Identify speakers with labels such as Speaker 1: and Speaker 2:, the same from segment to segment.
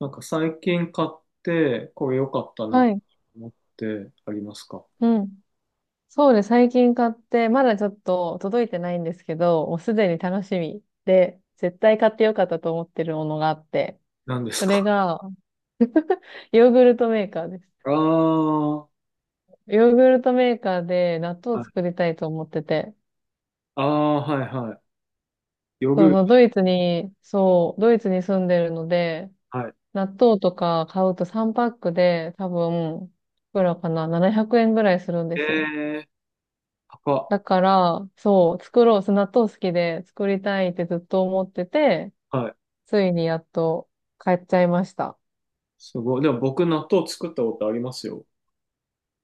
Speaker 1: なんか最近買って、これ良かったなと
Speaker 2: はい。
Speaker 1: 思ってありますか？
Speaker 2: うん。そうです。最近買って、まだちょっと届いてないんですけど、もうすでに楽しみで、絶対買ってよかったと思ってるものがあって、
Speaker 1: 何です
Speaker 2: それ
Speaker 1: か？
Speaker 2: が、ヨーグルトメーカーで す。
Speaker 1: ああ、は
Speaker 2: ヨーグルトメーカーで納豆を作
Speaker 1: い。
Speaker 2: りたいと思ってて、
Speaker 1: ああ、はいはい。ヨー
Speaker 2: そ
Speaker 1: グ
Speaker 2: う
Speaker 1: ル
Speaker 2: そう、
Speaker 1: ト。
Speaker 2: ドイツに住んでるので、
Speaker 1: はい。
Speaker 2: 納豆とか買うと3パックで多分、いくらかな、700円ぐらいするんで
Speaker 1: え
Speaker 2: すよ。
Speaker 1: えー、高っ。
Speaker 2: だから、そう、作ろう、そう納豆好きで作りたいってずっと思ってて、
Speaker 1: はい。
Speaker 2: ついにやっと買っちゃいました。
Speaker 1: すごい。でも僕納豆作ったことありますよ。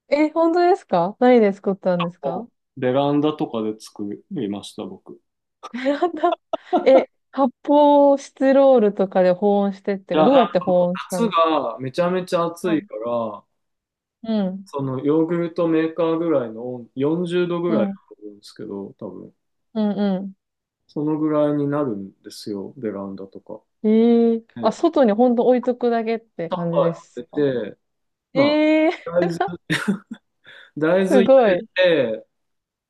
Speaker 2: え、本当ですか？何で作ったんです
Speaker 1: お
Speaker 2: か？
Speaker 1: ベランダとかで作りました、僕。
Speaker 2: やった え、発泡スチロールとかで保温してっ
Speaker 1: い
Speaker 2: て、
Speaker 1: や、
Speaker 2: どうやって保温した
Speaker 1: 夏
Speaker 2: んです
Speaker 1: がめちゃめちゃ暑いか
Speaker 2: か？
Speaker 1: ら、
Speaker 2: うん、
Speaker 1: そのヨーグルトメーカーぐらいの温40度ぐ
Speaker 2: う
Speaker 1: らいだ
Speaker 2: ん、
Speaker 1: と思うんですけど、多分。
Speaker 2: うん、うん。
Speaker 1: そのぐらいになるんですよ、ベランダとか。
Speaker 2: ええ、あ、
Speaker 1: で、
Speaker 2: 外に本当置いとくだけって感じ
Speaker 1: は
Speaker 2: で
Speaker 1: い、
Speaker 2: す
Speaker 1: 入
Speaker 2: か？
Speaker 1: れて、まあ、
Speaker 2: ええ、
Speaker 1: 大豆、大豆
Speaker 2: す
Speaker 1: 入
Speaker 2: ご
Speaker 1: れ
Speaker 2: い。
Speaker 1: て、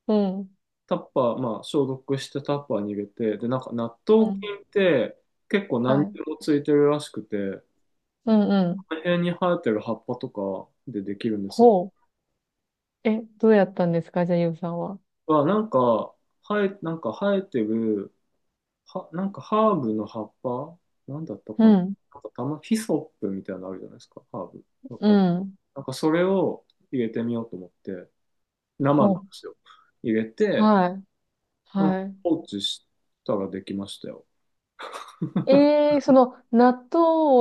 Speaker 2: うん、
Speaker 1: タッパー、まあ、消毒してタッパーに入れて、で、なんか納
Speaker 2: う
Speaker 1: 豆
Speaker 2: ん、
Speaker 1: 菌って結構何に
Speaker 2: はい。
Speaker 1: でもついてるらしくて、
Speaker 2: うん、うん。
Speaker 1: この辺に生えてる葉っぱとかでできるんですよ。
Speaker 2: ほう。え、どうやったんですか？じゃあ、ゆうさんは。
Speaker 1: は、なんか、なんか生えてる、は、なんかハーブの葉っぱなんだった
Speaker 2: う
Speaker 1: かな。
Speaker 2: ん、
Speaker 1: なんかたま、ヒソップみたいなのあるじゃないですか、ハーブ。なん
Speaker 2: う
Speaker 1: か、
Speaker 2: ん。
Speaker 1: なんかそれを入れてみようと思って、生の
Speaker 2: ほ
Speaker 1: んですよ。入れ
Speaker 2: う。
Speaker 1: て、
Speaker 2: はい。
Speaker 1: なんか
Speaker 2: はい。
Speaker 1: 放置したらできましたよ。
Speaker 2: ええ、その納豆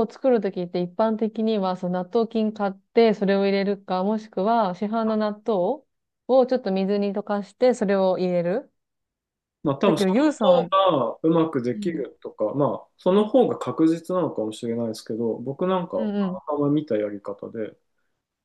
Speaker 2: を作るときって一般的にはその納豆菌買ってそれを入れるか、もしくは市販の納豆をちょっと水に溶かしてそれを入れる。
Speaker 1: まあ多
Speaker 2: だ
Speaker 1: 分
Speaker 2: け
Speaker 1: そ
Speaker 2: ど、ゆうさん
Speaker 1: の
Speaker 2: は、
Speaker 1: 方がうまくで
Speaker 2: う
Speaker 1: き
Speaker 2: ん。
Speaker 1: るとか、まあその方が確実なのかもしれないですけど、僕なんか
Speaker 2: うんうん。
Speaker 1: たまたま見たやり方で、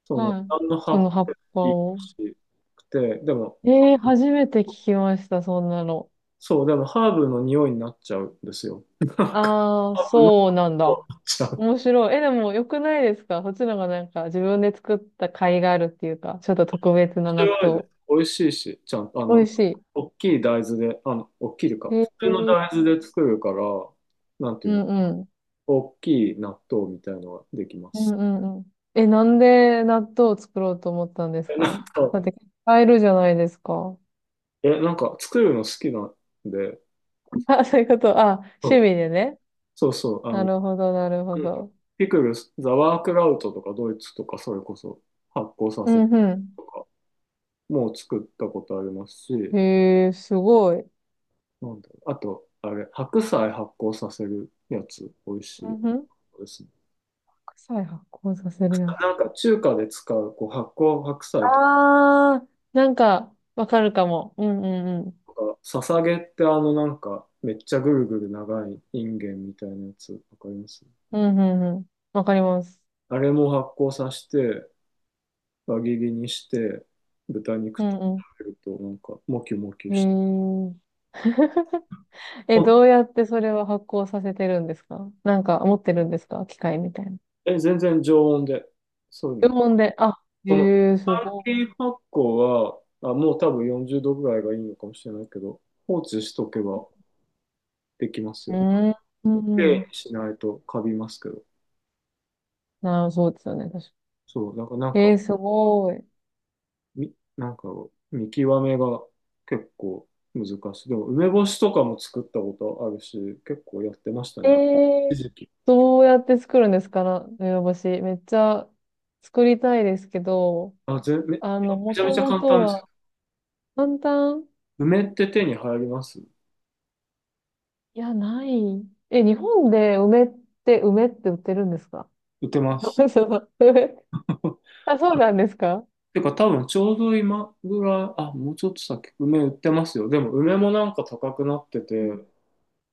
Speaker 1: その
Speaker 2: はい。
Speaker 1: 何の葉
Speaker 2: そ
Speaker 1: っぱ
Speaker 2: の葉っ
Speaker 1: でも
Speaker 2: ぱ
Speaker 1: いい
Speaker 2: を。
Speaker 1: しくて、でも、
Speaker 2: ええ、初めて聞きました、そんなの。
Speaker 1: そう、でもハーブの匂いになっちゃうんですよ。なんか
Speaker 2: ああ、
Speaker 1: ハーブの
Speaker 2: そうなん
Speaker 1: 匂いに
Speaker 2: だ。
Speaker 1: なっちゃう。
Speaker 2: 面白い。え、でも良くないですか？そっちの方がなんか自分で作った甲斐があるっていうか、ちょっと特
Speaker 1: 面
Speaker 2: 別な納
Speaker 1: 白いです。
Speaker 2: 豆。
Speaker 1: 美味しいし、ちゃんと、あ
Speaker 2: 美味
Speaker 1: の、
Speaker 2: し
Speaker 1: 大きい大豆で、あの、大きい
Speaker 2: い。
Speaker 1: か、普
Speaker 2: へ
Speaker 1: 通の
Speaker 2: え、
Speaker 1: 大豆で作るから、なんてい
Speaker 2: う
Speaker 1: うの、
Speaker 2: んうん。
Speaker 1: 大きい納豆みたいのができま
Speaker 2: うん
Speaker 1: す。
Speaker 2: うんうん。え、なんで納豆を作ろうと思ったんです
Speaker 1: え、な
Speaker 2: か？
Speaker 1: んか、
Speaker 2: だって、買えるじゃないですか。
Speaker 1: 作るの好きなんで、
Speaker 2: あ、そういうこと。あ、
Speaker 1: そ
Speaker 2: 趣味
Speaker 1: う
Speaker 2: でね。
Speaker 1: そうそう、あの、
Speaker 2: な
Speaker 1: うん、
Speaker 2: るほど、なるほど。
Speaker 1: ピクルス、ザワークラウトとかドイツとかそれこそ発酵さ
Speaker 2: う
Speaker 1: せる
Speaker 2: んう
Speaker 1: とかもう作ったことあります
Speaker 2: ん。
Speaker 1: し、
Speaker 2: へえ、すごい。
Speaker 1: なんだろう、あと、あれ、白菜発酵させるやつ、美味し
Speaker 2: う
Speaker 1: い
Speaker 2: んうん。
Speaker 1: ですね。
Speaker 2: 臭い発酵させるやつ。
Speaker 1: なんか中華で使う、こう発酵白菜とか、
Speaker 2: あー、なんか、わかるかも。うんうんうん。
Speaker 1: ささげってあのなんかめっちゃぐるぐる長いインゲンみたいなやつ、わかります？
Speaker 2: うんうんうん。わかります。
Speaker 1: あれも発酵させて、輪切りにして、豚肉
Speaker 2: う
Speaker 1: と
Speaker 2: んう
Speaker 1: 食べると、なんか、もきもきして。
Speaker 2: ん。へえ。え、ど
Speaker 1: あ、
Speaker 2: うやってそれは発酵させてるんですか？なんか、持ってるんですか？機械みたいな。
Speaker 1: え、全然常温で。そういう
Speaker 2: 注
Speaker 1: の。
Speaker 2: 文で、あ、
Speaker 1: その、
Speaker 2: へえ、すご
Speaker 1: 先発酵は、あ、もう多分40度ぐらいがいいのかもしれないけど、放置しとけばできます
Speaker 2: い。うー
Speaker 1: よ。
Speaker 2: ん、
Speaker 1: き
Speaker 2: う
Speaker 1: れ
Speaker 2: ん。
Speaker 1: いにしないとカビますけど。
Speaker 2: なあ、そうですよね、確か
Speaker 1: そう、だからなん
Speaker 2: に。
Speaker 1: か、
Speaker 2: えー、すごい。
Speaker 1: なんか、見極めが結構難しい。でも、梅干しとかも作ったことあるし、結構やってました
Speaker 2: え
Speaker 1: ね。一
Speaker 2: え、
Speaker 1: 時期。
Speaker 2: どうやって作るんですかな、梅干し。めっちゃ作りたいですけど、
Speaker 1: め
Speaker 2: あの、も
Speaker 1: ちゃめ
Speaker 2: と
Speaker 1: ちゃ
Speaker 2: も
Speaker 1: 簡
Speaker 2: と
Speaker 1: 単です。
Speaker 2: は、簡単、
Speaker 1: 梅って手に入ります？
Speaker 2: いや、ない。え、日本で梅って売ってるんですか？
Speaker 1: 売ってます。
Speaker 2: そう梅 あ、そうなんですか？
Speaker 1: てか多分ちょうど今ぐらい、あ、もうちょっと先、梅売ってますよ。でも梅もなんか高くなって
Speaker 2: う
Speaker 1: て、
Speaker 2: ん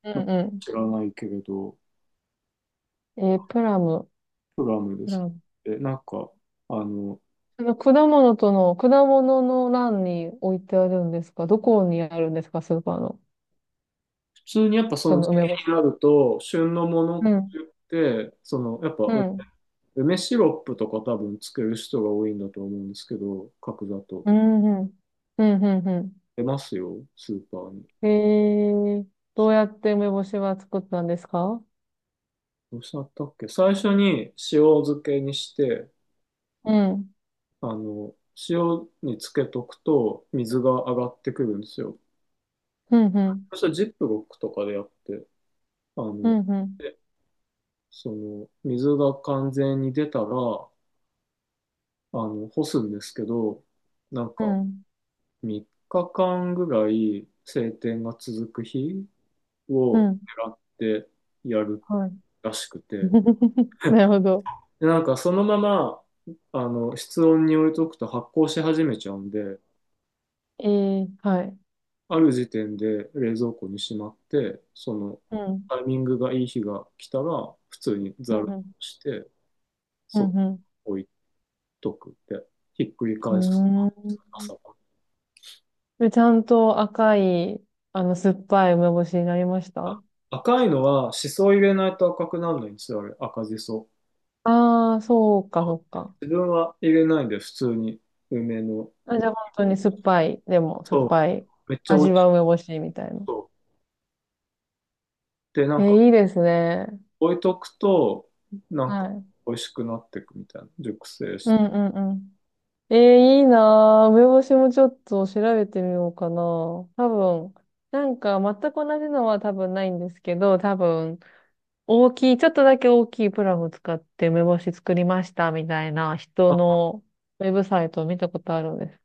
Speaker 2: う
Speaker 1: なんか
Speaker 2: んう
Speaker 1: 知らないけれど、
Speaker 2: ん。えー、プラム。
Speaker 1: プラムで
Speaker 2: プラ
Speaker 1: す。
Speaker 2: ム。
Speaker 1: で、なんか、あの、
Speaker 2: 果物の欄に置いてあるんですか？どこにあるんですかスーパーの？
Speaker 1: 普通にやっぱそ
Speaker 2: そ
Speaker 1: の
Speaker 2: の
Speaker 1: 時
Speaker 2: 梅干し。
Speaker 1: 期になると、旬のものっ
Speaker 2: う
Speaker 1: て
Speaker 2: ん。
Speaker 1: 言って、その、やっぱ
Speaker 2: う
Speaker 1: う、
Speaker 2: ん。
Speaker 1: 梅シロップとか多分つける人が多いんだと思うんですけど、角砂糖
Speaker 2: う
Speaker 1: とか。
Speaker 2: ん。うん。うん。う
Speaker 1: 出ますよ、スーパーに。
Speaker 2: ん。へえー。どうやって梅干しは作ったんですか？
Speaker 1: どうしたったっけ、最初に塩漬けにして、
Speaker 2: うん。
Speaker 1: あの、塩につけとくと水が上がってくるんですよ。
Speaker 2: うん。うん。
Speaker 1: そしたらジップロックとかでやって、あ
Speaker 2: う
Speaker 1: の、
Speaker 2: ん。うん。
Speaker 1: でその、水が完全に出たら、あの、干すんですけど、なん
Speaker 2: う
Speaker 1: か
Speaker 2: ん。
Speaker 1: 3日間ぐらい晴天が続く日
Speaker 2: う
Speaker 1: を
Speaker 2: ん、
Speaker 1: 狙ってやる
Speaker 2: はい。
Speaker 1: らしくて、
Speaker 2: なるほど。
Speaker 1: で、なんかそのまま、あの、室温に置いとくと発酵し始めちゃうんで、
Speaker 2: えー、はい。
Speaker 1: ある時点で冷蔵庫にしまって、その
Speaker 2: うん。
Speaker 1: タイミングがいい日が来たら、普通にざ
Speaker 2: う
Speaker 1: る
Speaker 2: ん。
Speaker 1: して、
Speaker 2: う
Speaker 1: そっと
Speaker 2: ん。うん。
Speaker 1: 置いとく、で、ひっくり
Speaker 2: う
Speaker 1: 返す、
Speaker 2: ん。うーん。
Speaker 1: 朝か
Speaker 2: でちゃんと赤い、あの、酸っぱい梅干しになりまし
Speaker 1: ら。
Speaker 2: た？
Speaker 1: 赤いのは、しそ入れないと赤くならないんですよ、あれ、赤じそ。
Speaker 2: ああ、そうか、そうか。
Speaker 1: 自分は入れないんで、普通に梅の。
Speaker 2: あ、じゃあ本当に酸っぱい、でも酸っ
Speaker 1: そう、
Speaker 2: ぱい、
Speaker 1: めっちゃ美味
Speaker 2: 味は梅
Speaker 1: し
Speaker 2: 干しみたいな。
Speaker 1: そう。で、な
Speaker 2: え
Speaker 1: んか、
Speaker 2: ー、いいですね。
Speaker 1: 置いとくと、なん
Speaker 2: は
Speaker 1: か、
Speaker 2: い。
Speaker 1: 美味しくなっていくみたいな、熟成
Speaker 2: う
Speaker 1: して。
Speaker 2: んうんうん。えー、いいなー。梅干しもちょっと調べてみようかな。多分、なんか全く同じのは多分ないんですけど、多分、大きい、ちょっとだけ大きいプラフ使って梅干し作りましたみたいな人のウェブサイトを見たことあるんです。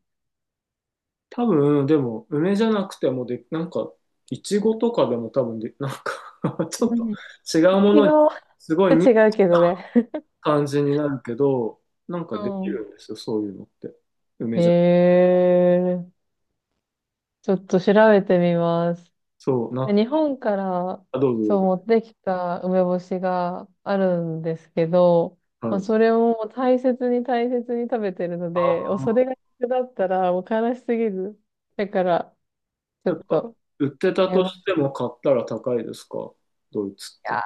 Speaker 1: 多分、でも、梅じゃなくてもで、なんか、いちごとかでも多分で、なんか、 ちょっ
Speaker 2: う
Speaker 1: と
Speaker 2: ん、
Speaker 1: 違うも
Speaker 2: 違
Speaker 1: のに、
Speaker 2: う。
Speaker 1: すご い似た
Speaker 2: 違うけどね。
Speaker 1: 感じになるけど、なんか
Speaker 2: う
Speaker 1: できる
Speaker 2: ん。
Speaker 1: んですよ、そういうのって。梅
Speaker 2: へ
Speaker 1: じゃ、
Speaker 2: え、ちょっと調べてみます。
Speaker 1: そう、な、
Speaker 2: 日本から
Speaker 1: あ、どうぞど
Speaker 2: そ
Speaker 1: う
Speaker 2: う
Speaker 1: ぞ。
Speaker 2: 持ってきた梅干しがあるんですけど、ま
Speaker 1: は
Speaker 2: あ、
Speaker 1: い。
Speaker 2: それをもう大切に大切に食べてるの
Speaker 1: ああ、
Speaker 2: で、おそれが逆だったらもう悲しすぎる。だから、ちょ
Speaker 1: やっ
Speaker 2: っ
Speaker 1: ぱ、
Speaker 2: と
Speaker 1: 売ってた
Speaker 2: 買い
Speaker 1: と
Speaker 2: ます、い
Speaker 1: しても買ったら高いですか、ドイツって。
Speaker 2: や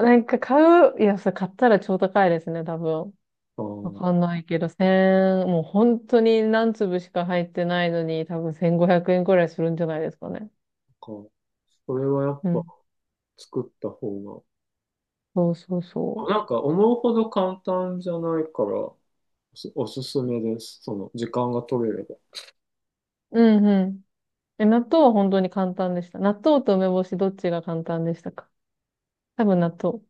Speaker 2: ー、なんか買う、いや、それ買ったら超高いですね、多分。
Speaker 1: ああ、な
Speaker 2: わ
Speaker 1: ん
Speaker 2: かんないけど、もう本当に何粒しか入ってないのに、多分1500円くえんくらいするんじゃないですかね。
Speaker 1: か、それはやっぱ作った方
Speaker 2: そうそう
Speaker 1: が、
Speaker 2: そ
Speaker 1: なんか思うほど簡単じゃないから、おすすめです。その、時間が取れれば。
Speaker 2: う。うんうん。え、納豆は本当に簡単でした。納豆と梅干しどっちが簡単でしたか？多分納豆。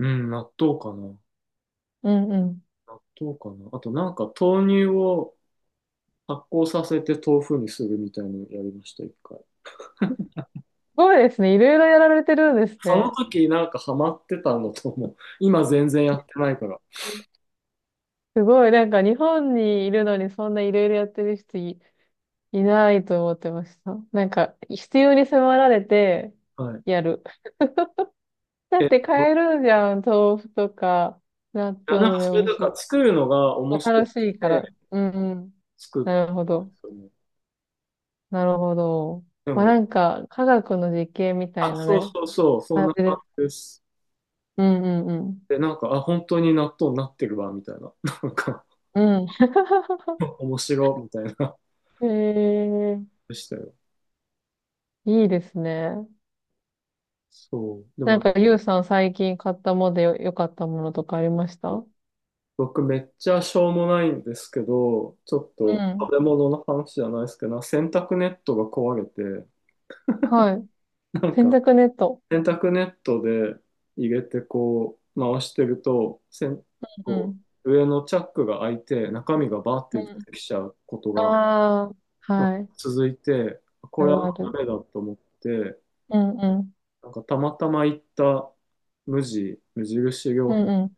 Speaker 1: うん、納豆かな。
Speaker 2: うんうん。す
Speaker 1: 納豆かな。あとなんか豆乳を発酵させて豆腐にするみたいなのやりました、一回。
Speaker 2: ごいですね。いろいろやられてるんです
Speaker 1: その
Speaker 2: ね。
Speaker 1: 時なんかハマってたのとも、今全然やってないから。
Speaker 2: すごい。なんか日本にいるのにそんないろいろやってる人いないと思ってました。なんか必要に迫られて
Speaker 1: はい。
Speaker 2: やる。だ
Speaker 1: え
Speaker 2: っ
Speaker 1: っ
Speaker 2: て
Speaker 1: と、
Speaker 2: 買えるじゃん。豆腐とか、納
Speaker 1: いやなんか
Speaker 2: 豆、梅
Speaker 1: それ
Speaker 2: 干
Speaker 1: だから
Speaker 2: し。
Speaker 1: 作るのが
Speaker 2: ま
Speaker 1: 面
Speaker 2: あ
Speaker 1: 白く
Speaker 2: 楽しいから。
Speaker 1: て
Speaker 2: うんうん。
Speaker 1: 作
Speaker 2: な
Speaker 1: っ
Speaker 2: るほ
Speaker 1: たんで
Speaker 2: ど。
Speaker 1: すよね。
Speaker 2: なるほど。
Speaker 1: で
Speaker 2: まあ、
Speaker 1: も、
Speaker 2: なんか、科学の実験みた
Speaker 1: あ、
Speaker 2: いな
Speaker 1: そう
Speaker 2: ね、
Speaker 1: そうそう、そん
Speaker 2: 感
Speaker 1: な
Speaker 2: じで
Speaker 1: 感
Speaker 2: す。
Speaker 1: じです。
Speaker 2: うんうん
Speaker 1: で、なんか、あ、本当に納豆になってるわ、みたいな。なんか、
Speaker 2: うん。うん。
Speaker 1: 面白いみたいな、
Speaker 2: ええ、
Speaker 1: でしたよ。
Speaker 2: いいですね。
Speaker 1: そう。で
Speaker 2: なん
Speaker 1: も
Speaker 2: か、ゆうさん最近買ったもので良かったものとかありました？う
Speaker 1: 僕めっちゃしょうもないんですけど、ちょっと
Speaker 2: ん。
Speaker 1: 食べ物の話じゃないですけど、洗濯ネットが壊れて、
Speaker 2: はい。
Speaker 1: なん
Speaker 2: 洗
Speaker 1: か
Speaker 2: 濯ネット。
Speaker 1: 洗濯ネットで入れてこう回してると、せん
Speaker 2: う
Speaker 1: こ
Speaker 2: ん。
Speaker 1: う上のチャックが開いて中身がバーっ
Speaker 2: う
Speaker 1: て出
Speaker 2: ん。
Speaker 1: てきちゃうことが
Speaker 2: ああ、
Speaker 1: なんか
Speaker 2: はい。
Speaker 1: 続いて、こ
Speaker 2: あ
Speaker 1: れは
Speaker 2: るあ
Speaker 1: ダ
Speaker 2: る。
Speaker 1: メだと思って、
Speaker 2: うんうん。
Speaker 1: なんかたまたま行った無印良
Speaker 2: う
Speaker 1: 品、
Speaker 2: んうん。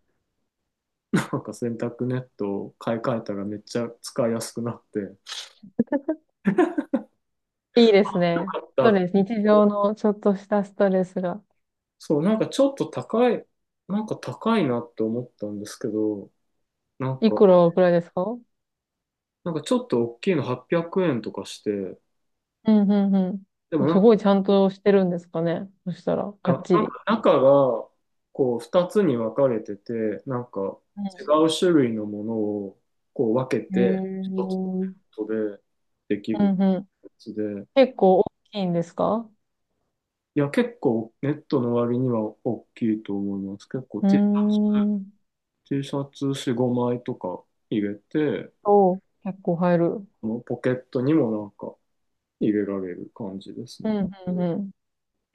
Speaker 1: なんか洗濯ネットを買い替えたらめっちゃ使いやすくなって、買
Speaker 2: いいですね。
Speaker 1: っ
Speaker 2: スト
Speaker 1: た。
Speaker 2: レス、日常のちょっとしたストレスが。
Speaker 1: そう、なんかちょっと高い、なんか高いなって思ったんですけど、なん
Speaker 2: い
Speaker 1: か、
Speaker 2: くらぐらいですか？
Speaker 1: なんかちょっと大きいの800円とかして、
Speaker 2: うん、うん、
Speaker 1: で
Speaker 2: う
Speaker 1: も
Speaker 2: ん。
Speaker 1: なん
Speaker 2: す
Speaker 1: か、
Speaker 2: ごいちゃんとしてるんですかね。そしたら、がっ
Speaker 1: な
Speaker 2: ち
Speaker 1: なん
Speaker 2: り。
Speaker 1: か中が、こう、2つに分かれてて、なんか、
Speaker 2: う
Speaker 1: 違
Speaker 2: ん。
Speaker 1: う種類のものを、こう、分け
Speaker 2: へ
Speaker 1: て、一つ
Speaker 2: ー。
Speaker 1: のネットででき
Speaker 2: う
Speaker 1: る
Speaker 2: んうん。
Speaker 1: やつで、
Speaker 2: 結構大きいんですか？
Speaker 1: いや、結構、ネットの割には大きいと思います。結構
Speaker 2: うー ん。
Speaker 1: T シャツ4、5枚とか入れて、
Speaker 2: おう、結構入る。
Speaker 1: このポケットにもなんか、入れられる感じです
Speaker 2: う
Speaker 1: ね。
Speaker 2: ん、うん、う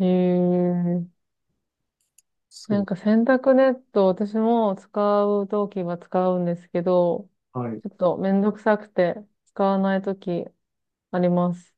Speaker 2: ん。へえ。
Speaker 1: そ
Speaker 2: なん
Speaker 1: う。
Speaker 2: か洗濯ネット、私も使うときは使うんですけど、
Speaker 1: はい。
Speaker 2: ちょっとめんどくさくて使わないときあります。